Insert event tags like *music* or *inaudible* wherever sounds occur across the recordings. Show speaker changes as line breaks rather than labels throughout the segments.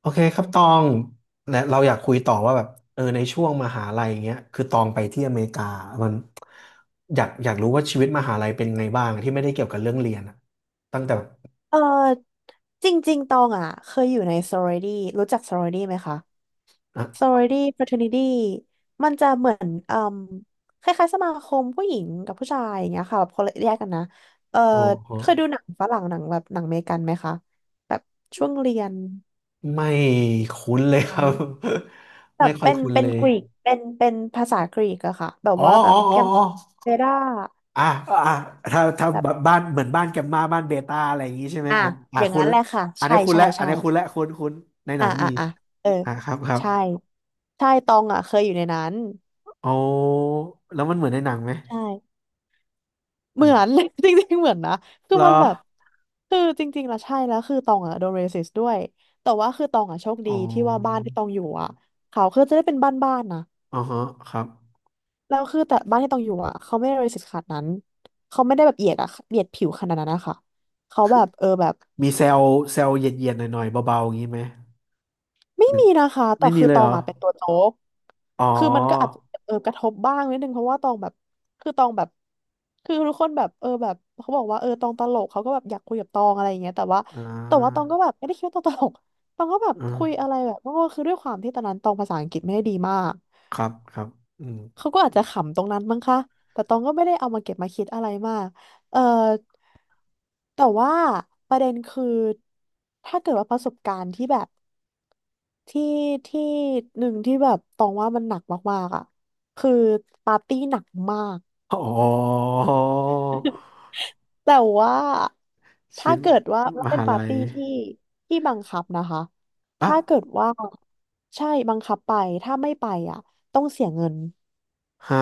โอเคครับตองและเราอยากคุยต่อว่าแบบในช่วงมหาลัยอย่างเงี้ยคือตองไปที่อเมริกามันอยากรู้ว่าชีวิตมหาลัยเป็นไงบ้างที่ไม่ได้เกี่ยวกับเรื่องเรียนอะตั้งแต่แบบ
เออจริงๆตองอ่ะเคยอยู่ใน sorority รู้จัก sorority ไหมคะ
อ่ะ
sorority fraternity มันจะเหมือนเอ่มคล้ายๆสมาคมผู้หญิงกับผู้ชายอย่างเงี้ยค่ะแบบคนละแยกกันนะเออ
โอ้โห
เคยดูหนังฝรั่งหนังแบบหนังอเมริกันไหมคะแบบช่วงเรียน
ไม่คุ้นเลยครับ *laughs*
แบ
ไม่
บ
ค่อย
เป็น
คุ้น
เป็
เล
น
ย
กรีกเป็นภาษากรีกอะค่ะแบบ
อ๋อ
ว่าแบ
อ๋อ
บ
อ๋
แก
อ
ม
อ๋อ
เบด้า
อ่ะอ่ะถ้า
แบบ
แบบบ้านเหมือนบ้านแกมมาบ้านเบต้าอะไรอย่างงี้ใช่ไหม
อ่ะ
อ่ะอ่ะ
อย่าง
คุณ
นั้นแห
ละ
ละค่ะ
อัน
ใช่
นี้คุณ
ใช่
และอัน
ใช่
นี้คุณและคุณในหนั
อ่า
ง
อ่า
มี
อ่าเออ
อ่ะครับครับ
ใช่ใช่ตองอ่ะเคยอยู่ในนั้น
โอ้แล้วมันเหมือนในหนังไหม
ใช่เห
อั
มื
น
อน *laughs* จริงๆเหมือนนะคือ
เหรอ
มันแบบคือจริงๆแล้วใช่แล้วคือตองอ่ะโดนเรสิสด้วยแต่ว่าคือตองอ่ะโชค
อ๋อ
ดีที่ว่าบ้านที่ตองอยู่อ่ะเขาคือจะได้เป็นบ้านนะ
อ๋อฮะครับ
แล้วคือแต่บ้านที่ตองอยู่อ่ะเขาไม่ได้เรสิสขนาดนั้นเขาไม่ได้แบบเหยียดอ่ะเหยียดผิวขนาดนั้นนะคะเขาแบบอแบบ
มีเซลเซลเย็นๆหน่อยๆเบาๆอย่างนี้ไหม
ไม่
หรือ
มีนะคะ แต่
ไม่มี
คือ
เล
ต
ย
อ
เหร
ง
อ
อ่ะเป็นตัวโจ๊ก
อ๋อ
คือมันก็อาจจะกระทบบ้างนิดนึงเพราะว่าตองแบบคือตองแบบคือทุกคนแบบแบบเขาบอกว่าตองตลกเขาก็แบบอยากคุยกับตองอะไรอย่างเงี้ยแต่ว่า
อ่
แต่ว่าตอ
า
งก็แบบไม่ได้คิดว่าตองตลกตองก็แบบ
อ่
คุยอะไร
า
แบบก็คือด้วยความที่ตอนนั้นตองภาษาอังกฤษไม่ได้ดีมาก
ครับครับอืม
เขาก็อาจจะขำตรงนั้นมั้งคะแต่ตองก็ไม่ได้เอามาเก็บมาคิดอะไรมากเออแต่ว่าประเด็นคือถ้าเกิดว่าประสบการณ์ที่แบบ ที่ที่หนึ่งที่แบบตองว่ามันหนักมากๆอ่ะคือปาร์ตี้หนักมาก
อ๋อ
*laughs* แต่ว่า
ชี
ถ้า
วิต
เกิดว่าแล้ว
ม
เป็น
หา
ปาร์
ลัย
ตี้ที่บังคับนะคะ
อ่ะ
ถ้าเกิดว่าใช่บังคับไปถ้าไม่ไปอ่ะต้องเสียเงิน
ฮะ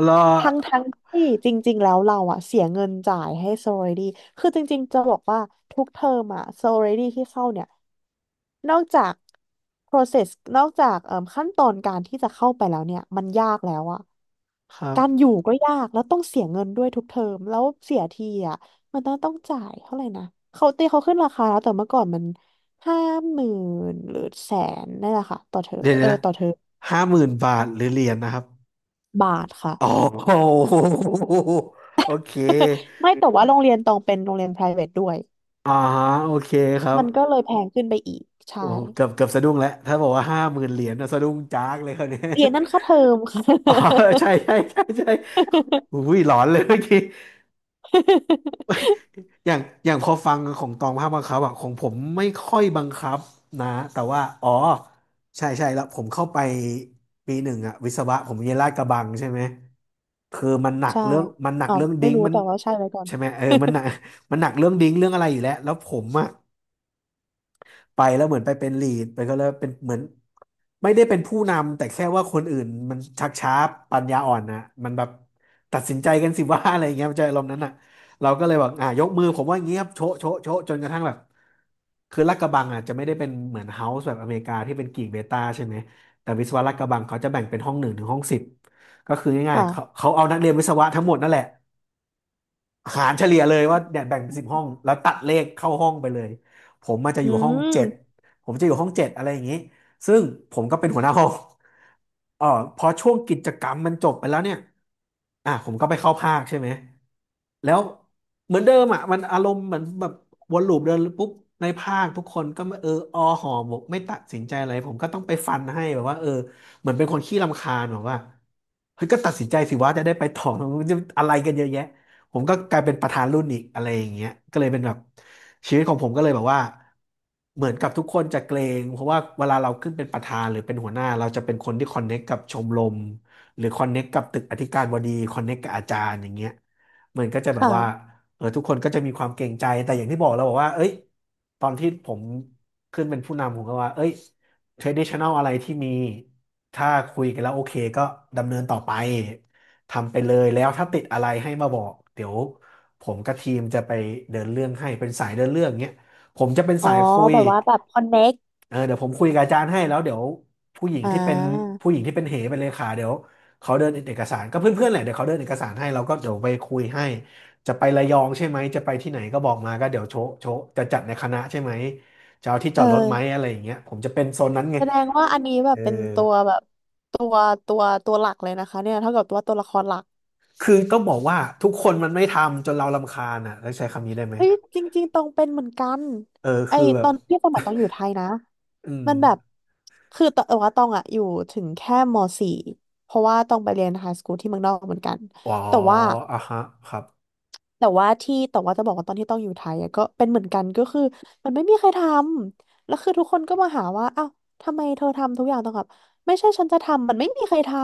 เหรอ
ทั้งที่จริงๆ แล้วเราอะเสียเงินจ่ายให้ sorority คือจริงๆ จะบอกว่าทุกเทอมอะ sorority ที่เข้าเนี่ยนอกจาก process นอกจากเอ่มขั้นตอนการที่จะเข้าไปแล้วเนี่ยมันยากแล้วอะ
ครับ
การอยู่ก็ยากแล้วต้องเสียเงินด้วยทุกเทอมแล้วเสียทีอะมันต้องจ่ายเท่าไหร่นะเขาตีเขาขึ้นราคาแล้วแต่เมื่อก่อนมันห้าหมื่นหรือแสนนี่นแหละค่ะต่อเทอม
เดี๋ยว
เออ
นะ
ต่อเทอม
ห้าหมื่น50,000บาทหรือเหรียญนะครับ
บาทค่ะ
อ๋อโอโหโอเค
*laughs* ไม่แต่ว่าโรงเรียนตองเป็นโรงเรียน private ด้วย
อ่าฮะโอเคครับ
มันก็เลยแพงขึ้นไปอีก
โอ้
ใช่
เกือบสะดุ้งแล้วถ้าบอกว่าห้าหมื่นเหรียญนะสะดุ้งจากเลยคนนี้
เรียนนั่นค่าเทอมค่ะ *laughs*
*laughs* อ๋อใช่ใช่ใช่ใช่อุ้ยหลอนเลยเมื่อกี้อย่างอย่างพอฟังของตองภาพบังคับอะของผมไม่ค่อยบังคับนะแต่ว่าอ๋อใช่ใช่แล้วผมเข้าไปปีหนึ่งอะวิศวะผมเรียนลาดกระบังใช่ไหมคือมันหนัก
ใช่
เรื่องมันหนัก
อ๋อ
เรื่อง
ไม่
ดิ้ง
รู้
มัน
แต่ว่าใช่ไว้ก่อน
ใช่ไหมเออมันหนักเรื่องอะไรอยู่แล้วแล้วผมอะ ไปแล้วเหมือนไปเป็นลีดไปก็แล้วเป็นเหมือนไม่ได้เป็นผู้นำแต่แค่ว่าคนอื่นมันชักช้าปัญญาอ่อนนะมันแบบตัดสินใจกันสิว่า *laughs* อะไรอย่างเงี้ยมันจะอารมณ์นั้นอ่ะเราก็เลยบอกอ่ะยกมือผมว่าอย่างเงี้ยครับโชะโชะโชะจนกระทั่งแบบคือลาดกระบังอ่ะจะไม่ได้เป็นเหมือนเฮาส์แบบอเมริกาที่เป็นกิ่งเบต้าใช่ไหมแต่วิศวะลาดกระบังเขาจะแบ่งเป็นห้องหนึ่งถึงห้องสิบก็คือง่ายๆ
ค่ะ
เขาเอานักเรียนวิศวะทั้งหมดนั่นแหละ หารเฉลี่ยเลยว่าเนี่ยแบ่งเป็นสิบห้องแล้วตัดเลขเข้าห้องไปเลยผมมันจะ
อื
อยู่ห้องเจ็ด
ม
ผมจะอยู่ห้องเจ็ดอะไรอย่างนี้ซึ่งผมก็เป็นหัวหน้าห้อง *laughs* เออพอช่วงกิจกรรมมันจบไปแล้วเนี่ยอ่ะผมก็ไปเข้าภาคใช่ไหมแล้วเหมือนเดิมอ่ะมันอารมณ์เหมือนแบบวนลูปเดินปุ๊บในภาคทุกคนก็ไม่เออออห่อหมกไม่ตัดสินใจอะไรผมก็ต้องไปฟันให้แบบว่าเออเหมือนเป็นคนขี้รำคาญแบบว่าเฮ้ยก็ตัดสินใจสิว่าจะได้ไปต่อ *laughs* มันจะอะไรกันเยอะแยะ ผมก็กลายเป็นประธานรุ่นอีกอะไรอย่างเงี้ยก็เลยเป็นแบบชีวิตของผมก็เลยแบบว่าเหมือนกับทุกคนจะเกรงเพราะว่าเวลาเราขึ้นเป็นประธานหรือเป็นหัวหน้าเราจะเป็นคนที่คอนเน็กกับชมรมหรือคอนเน็กกับตึกอธิการบดีคอนเน็กกับอาจารย์อย่างเงี้ยเหมือนก็จะแบบ
ค่ะ
ว่าเออทุกคนก็จะมีความเกรงใจแต่อย่างที่บอกเราบอกว่าเอ้ยตอนที่ผมขึ้นเป็นผู้นำผมก็ว่าเอ้ย traditional อะไรที่มีถ้าคุยกันแล้วโอเคก็ดำเนินต่อไป ทำไปเลยแล้วถ้าติดอะไรให้มาบอกเดี๋ยวผมกับทีมจะไปเดินเรื่องให้เป็นสายเดินเรื่องเงี้ยผมจะเป็น
อ๋อ
สายคุย
แบบว่าแบบคอนเน็ก
เออเดี๋ยวผมคุยกับอาจารย์ให้แล้วเดี๋ยวผู้หญิง
อ่
ที่เป็น
า
เป็นเลขาเดี๋ยวเขาเดินเอกสารก็เพื่อนๆแหละเดี๋ยวเขาเดินเอกสารให้เราก็เดี๋ยวไปคุยให้จะไประยองใช่ไหมจะไปที่ไหนก็บอกมาก็เดี๋ยวโชะโชะจะจัดในคณะใช่ไหมจะเอาที่จ
เอ
อดรถไหม
อ
อะไรอย่างเงี้ยผมจะเป็นโซนนั้นไง
แสดงว่าอันนี้แบ
เอ
บ
อ
เป็นตัวแบบตัวตัวหลักเลยนะคะเนี่ยเท่ากับว่าตัวละครหลัก
คือต้องบอกว่าทุกคนมันไม่ทำจนเรารำคาญอ่ะแล้วใช้คำนี้ได้ไหม
เฮ้ยจริงๆตองเป็นเหมือนกัน
เออ
ไอ
คือแบ
ต
บ
อนที่สมัยตองอยู่ไทยนะ
อืม
มันแบบคือตองว่าตองอะอยู่ถึงแค่ม .4 เพราะว่าตองไปเรียนไฮสคูลที่เมืองนอกเหมือนกัน
อ๋อ
แต่ว่า
อ่ะฮะครับ
แต่ว่าที่แต่ว่าจะบอกว่าตอนที่ต้องอยู่ไทยอะก็เป็นเหมือนกันก็คือมันไม่มีใครทำแล้วคือทุกคนก็มาหาว่าอ้าวทำไมเธอทำทุกอย่างตองแบบไม่ใช่ฉันจะทำมันไม่มีใครทำ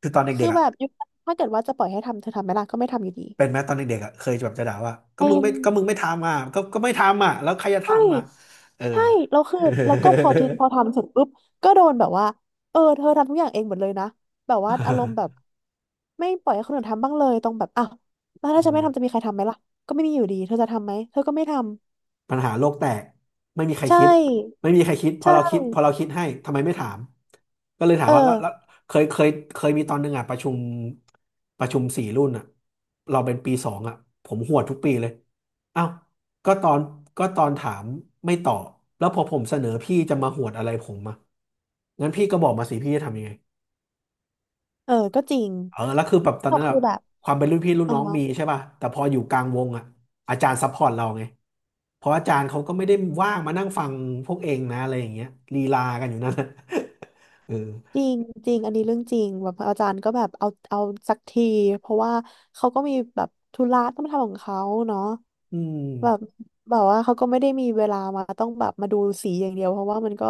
คือตอน
คื
เด็
อ
กๆอ่ะ
แบบยุคนั้นถ้าเกิดว่าจะปล่อยให้ทำเธอทำไหมล่ะก็ไม่ทำอยู่ดี
เป็นไหมตอนเด็กๆอ่ะเคยจะแบบจะด่าว่าก็
เป็
มึง
น
ไม่ทำอ่ะก็ไม่ทำอ่ะแล้วใครจะ
ใช่
ทำอ่ะเออ
ใช่แล้วคือแล้วก็พอทีพอทำเสร็จปุ๊บก็โดนแบบว่าเออเธอทำทุกอย่างเองหมดเลยนะแบบว่าอารมณ์แบบไม่ปล่อยให้คนอื่นทำบ้างเลยตรงแบบอ้าวแล้วถ้าฉันไม่ทำจะ
*laughs*
มีใครทำไหมล่ะก็ไม่มีอยู่ดีเธอจะทำไหมเธอก็ไม่ทำ
ปัญหาโลกแตกไม่มีใคร
ใช่
คิดไม่มีใครคิดพอ
ใช่
เราคิดพอเราคิดให้ทำไมไม่ถามก็เลยถาม
เอ
ว่าแล้
อ
วแล้วเคยเคยเคยมีตอนหนึ่งอ่ะประชุม4 รุ่นอ่ะเราเป็นปีสองอ่ะผมหวดทุกปีเลยเอ้าก็ตอนก็ตอนถามไม่ตอบแล้วพอผมเสนอพี่จะมาหวดอะไรผมอ่ะงั้นพี่ก็บอกมาสิพี่จะทำยังไง
เออก็จริง
เออแล้วคือแบบตอน
ก็
นั้น
คือ
อะ
แบบ
ความเป็นรุ่นพี่รุ่น
อ๋อ
น้องมีใช่ป่ะแต่พออยู่กลางวงอะอาจารย์ซัพพอร์ตเราไงเพราะอาจารย์เขาก็ไม่ได้ว่างมานั่งฟังพวกเองนะอะไรอย่างเงี้ยลีลากันอยู่นั่นน่ะ *laughs* เออ
จริงจริงอันนี้เรื่องจริงแบบอาจารย์ก็แบบเอาสักทีเพราะว่าเขาก็มีแบบธุระต้องทำของเขาเนาะ
อื
แบบ
ม
แบบว่าเขาก็ไม่ได้มีเวลามาต้องแบบมาดูสีอย่างเดียวเพราะว่ามันก็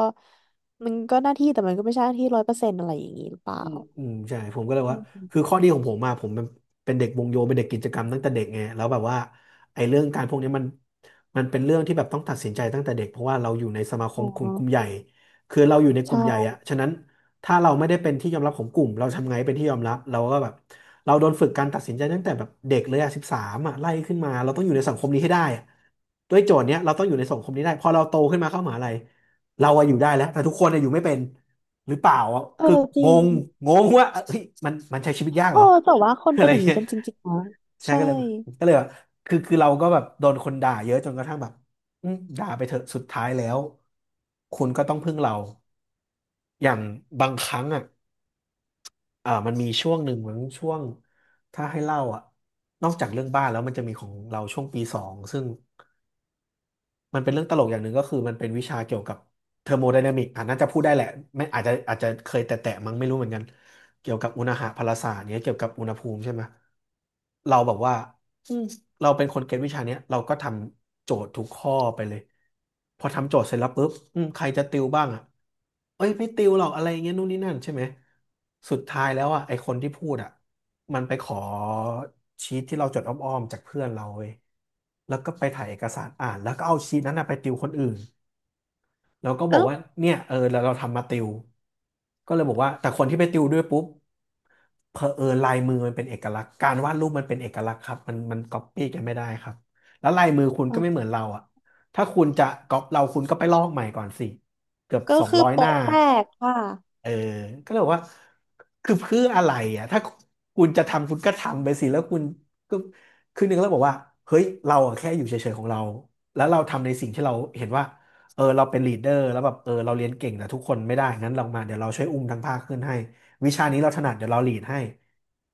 มันก็หน้าที่แต่มันก็ไม่ใช่หน้าที่ร้อยเปอร์เซ็นต์อะไรอย่างนี้หรือเปล่า
อืมอืมใช่ผมก็เลย
อื
ว่า
ม
คือข้อดีของผมมาผมเป็นเป็นเด็กวงโยเป็นเด็กกิจกรรมตั้งแต่เด็กไงแล้วแบบว่าไอ้เรื่องการพวกนี้มันเป็นเรื่องที่แบบต้องตัดสินใจตั้งแต่เด็กเพราะว่าเราอยู่ในสมาค
อ๋
มกลุ่ม
อ
ใหญ่คือเราอยู่ในก
ใช่
ลุ่มใหญ่อะฉะนั้นถ้าเราไม่ได้เป็นที่ยอมรับของกลุ่มเราทำไงหเป็นที่ยอมรับเราก็แบบเราโดนฝึกการตัดสินใจตั้งแต่แบบเด็กเลยอะ13อะไล่ขึ้นมาเราต้องอยู่ในสังคมนี้ให้ได้อะด้วยโจทย์เนี้ยเราต้องอยู่ในสังคมนี้ได้พอเราโตขึ้นมาเข้ามหาลัยเราอะอยู่ได้แล้วแต่ทุกคนอะอยู่ไม่เป็น หรือเปล่าอะ
เออ
คือ
จริ
ง
ง
งงงว่าเอ้ยมันมันใช้ชีวิตยาก
โอ้
เหรอ
แต่ว่าคน
*laughs* อะ
เป็
ไร
นอย่างนี้
เงี้ย
กันจริงๆนะ
ใช่
ใช่
ก็เลยแบบคือเราก็แบบโดนคนด่าเยอะจนกระทั่งแบบอืมด่าไปเถอะสุดท้ายแล้วคุณก็ต้องพึ่งเราอย่างบางครั้งอ่ะเอ่ามันมีช่วงหนึ่งเหมือนช่วงถ้าให้เล่าอ่ะนอกจากเรื่องบ้านแล้วมันจะมีของเราช่วงปีสองซึ่ง มันเป็นเรื่องตลกอย่างหนึ่งก็คือมันเป็นวิชาเกี่ยวกับเทอร์โมไดนามิกอ่ะน่าจะพูดได้แหละไม่อาจจะเคยแตะๆมั้งไม่รู้เหมือนกันเกี่ยวกับอุณหภาพศาสตร์เนี้ยเกี่ยวกับอุณหภูมิใช่ไหมเราแบบว่าอืมเราเป็นคนเก็ตวิชาเนี้ยเราก็ทำโจทย์ทุกข้อไปเลยพอทำโจทย์เสร็จแล้วปุ๊บอืมใครจะติวบ้างอ่ะเอ้ยไม่ติวหรอกอะไรอย่างเงี้ยนู่นนี่นั่นใช่ไหมสุดท้ายแล้วอ่ะไอคนที่พูดอ่ะ มันไปขอชีทที่เราจดอ้อมๆจากเพื่อนเราเว้ยแล้วก็ไปถ่ายเอกสารอ่านแล้วก็เอาชีทนั้นนะไปติวคนอื่นแล้วก็บอก
เอ้า
ว่าเนี่ยเออแล้วเราทำมาติวก็เลยบอกว่าแต่คนที่ไปติวด้วยปุ๊บเผอิญลายมือมันเป็นเอกลักษณ์การวาดรูปมันเป็นเอกลักษณ์ครับมันก๊อปปี้กันไม่ได้ครับแล้วลายมือคุณก็ไม่
อ่ะ
เหมือนเราอะถ้าคุณจะก๊อปเราคุณก็ไปลอกใหม่ก่อนสิเกือบ
ก็
สอง
คือ
ร้อยหน้า
โปะแตกค่ะ
เออก็เลยบอกว่าคือเพื่ออะไรอ่ะถ้าคุณจะทำคุณก็ทำไปสิแล้วคุณก็คือหนึ่งแล้วบอกว่าเฮ้ยเราอะแค่อยู่เฉยๆของเรา แล้วเราทำในสิ่งที่เราเห็นว่าเออเราเป็นลีดเดอร์แล้วแบบเออเราเรียนเก่งแต่ทุกคนไม่ได้งั้นลองมาเดี๋ยวเราช่วยอุ้มทั้งภาคขึ้นให้วิชานี้เราถนัดเดี๋ยวเราลีดให้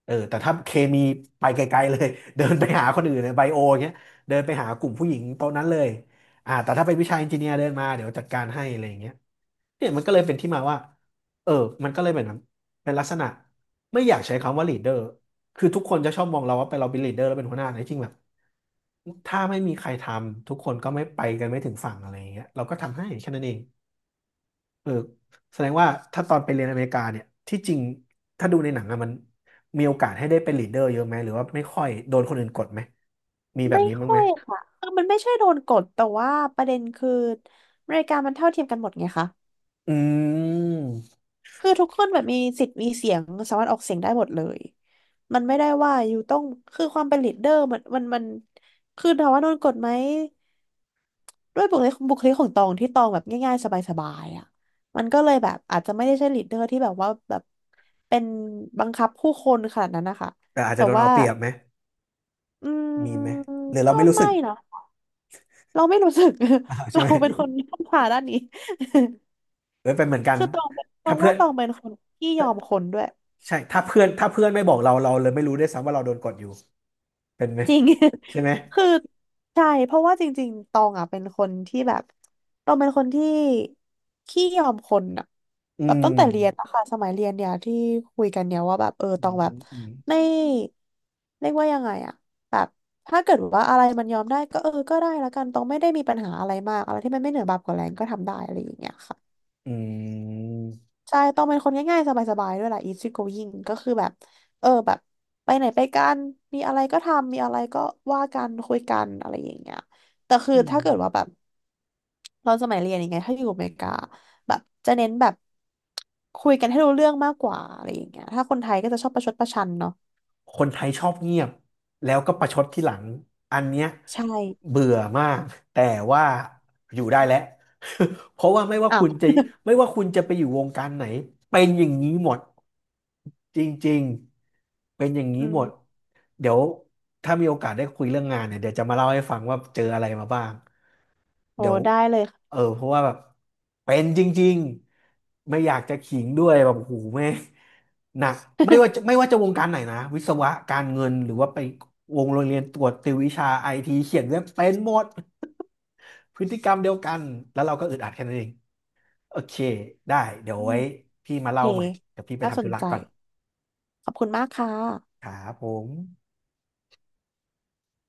เออแต่ถ้าเคมีไปไกลๆเลย *laughs* เดินไปหาคนอื่นในไบโอเงี้ยเดินไปหากลุ่มผู้หญิงโต๊ะนั้นเลยอ่าแต่ถ้าเป็นวิชาเอนจิเนียร์เดินมาเดี๋ยวจัดการให้อะไรอย่างเงี้ยเนี่ยมันก็เลยเป็นที่มาว่า เออ มันก็เลยแบบนั้นเป็นลักษณะไม่อยากใช้คำว่าลีดเดอร์คือทุกคนจะชอบมองเราว่าไปเราเป็นลีดเดอร์แล้วเป็นหัวหน้าแต่จริงๆแบบ ถ้าไม่มีใครทำทุกคนก็ไม่ไปกันไม่ถึงฝั่งอะไรอย่างเงี้ยเราก็ทำให้แค่นั้นเองเออแสดงว่าถ้าตอนไปเรียนอเมริกาเนี่ยที่จริงถ้าดูในหนังอะมันมีโอกาสให้ได้เป็นลีดเดอร์เยอะไหมหรือว่าไม่ค่อยโดนคนอื่นกดไหมมีแบบ
ไม่
นี้บ้าง
ค่
ไห
อ
ม
ยค่ะคือมันไม่ใช่โดนกดแต่ว่าประเด็นคืออเมริกามันเท่าเทียมกันหมดไงคะ
อืม
คือทุกคนแบบมีสิทธิ์มีเสียงสามารถออกเสียงได้หมดเลยมันไม่ได้ว่าอยู่ต้องคือความเป็นลีดเดอร์มันคือถามว่าโดนกดไหมด้วยบุคลิกของตองที่ตองแบบง่ายๆสบายๆอ่ะมันก็เลยแบบอาจจะไม่ได้ใช่ลีดเดอร์ที่แบบว่าแบบเป็นบังคับผู้คนขนาดนั้นนะคะ
แต่อาจจะ
แต่
โดน
ว่า
เอาเปรียบไหม
อื
มี
ม
ไหมหรือเรา
ก็
ไม่รู้สึ
ไม่
ก
นะ เราไม่รู้สึก
*laughs* อ้าว
*laughs*
ใช่
เรา
ไหม
เป็นคนที่ต้องผ่าด้านนี้
เออเป็นเหมือนกั
*laughs*
น
คือตองเป็นตอ
ถ้า
ง
เพื่อ
ว่า
น
ตองเป็นคนที่ยอม
ถ้า
คนด้วย
ใช่ถ้าเพื่อนไม่บอกเราเราเลยไม่รู้ด้วยซ้ำว่าเราโดนกดอยู่เป็นไหม
จริง
ใช่ไหม
*laughs* คือใช่เพราะว่าจริงๆตองอ่ะเป็นคนที่แบบตองเป็นคนที่ขี้ยอมคนอ่ะ
อื
แบบ
ม
ตั้งแต่เรียนอะค่ะสมัยเรียนเนี่ยที่คุยกันเนี่ยว่าแบบ
อื
ตอง
ม
แบ
อื
บ
มอืม
ไม่เรียกว่ายังไงอะแบบถ้าเกิดว่าอะไรมันยอมได้ก็ก็ได้ละกันตองไม่ได้มีปัญหาอะไรมากอะไรที่มันไม่เหนือบาปกว่าแรงก็ทำได้อะไรอย่างเงี้ยค่ะ ใช่ต้องเป็นคนง่ายๆสบายๆด้วยแหละ easy going ก็คือแบบ แบบไปไหนไปกัน มีอะไรก็ทำ มีอะไรก็ว่ากันคุยกันอะไรอย่างเงี้ยแต่คือ
อืม
ถ้าเกิดว่าแบบเราสมัยเรียนอย่างเงี้ยถ้าอยู่อเมริกาแบบจะเน้นแบบคุยกันให้รู้เรื่องมากกว่าอะไรอย่างเงี้ยถ้าคนไทยก็จะชอบประชดประชันเนาะ
คนไทยชอบเงียบแล้วก็ประชดที่หลังอันเนี้ย
ใช่
เบื่อมากแต่ว่าอยู่ได้แล้ว *laughs* เพราะว่าไม่ว่า
อ้า
คุ
ว
ณจะไม่ว่าคุณจะไปอยู่วงการไหนเป็นอย่างนี้หมดจริงๆเป็นอย่างนี้
อื
หมด
ม
เดี๋ยวถ้ามีโอกาสได้คุยเรื่องงานเนี่ยเดี๋ยวจะมาเล่าให้ฟังว่าเจออะไรมาบ้าง
โอ้
เดี๋ยว
ได้เลยค่ะ
เออเพราะว่าแบบเป็นจริงๆไม่อยากจะขิงด้วยแบบโอ้โหูแม่งหนักไม่ว่าจะวงการไหนนะวิศวะการเงินหรือว่าไปวงโรงเรียนตรวจติววิชาไอทีเขียนเว็บเป็นหมดพฤติกรรมเดียวกันแล้วเราก็อึดอัดแค่นั้นเองโอเคได้
*laughs*
เดี๋ยว
อืม
ไว้พี่
โอ
มา
เค
เล่าใหม่เดี๋ยวพี่ไป
น่าส
ทำธุ
น
ระ
ใจ
ก่อน
ขอบคุณมากค่ะ
ครับผม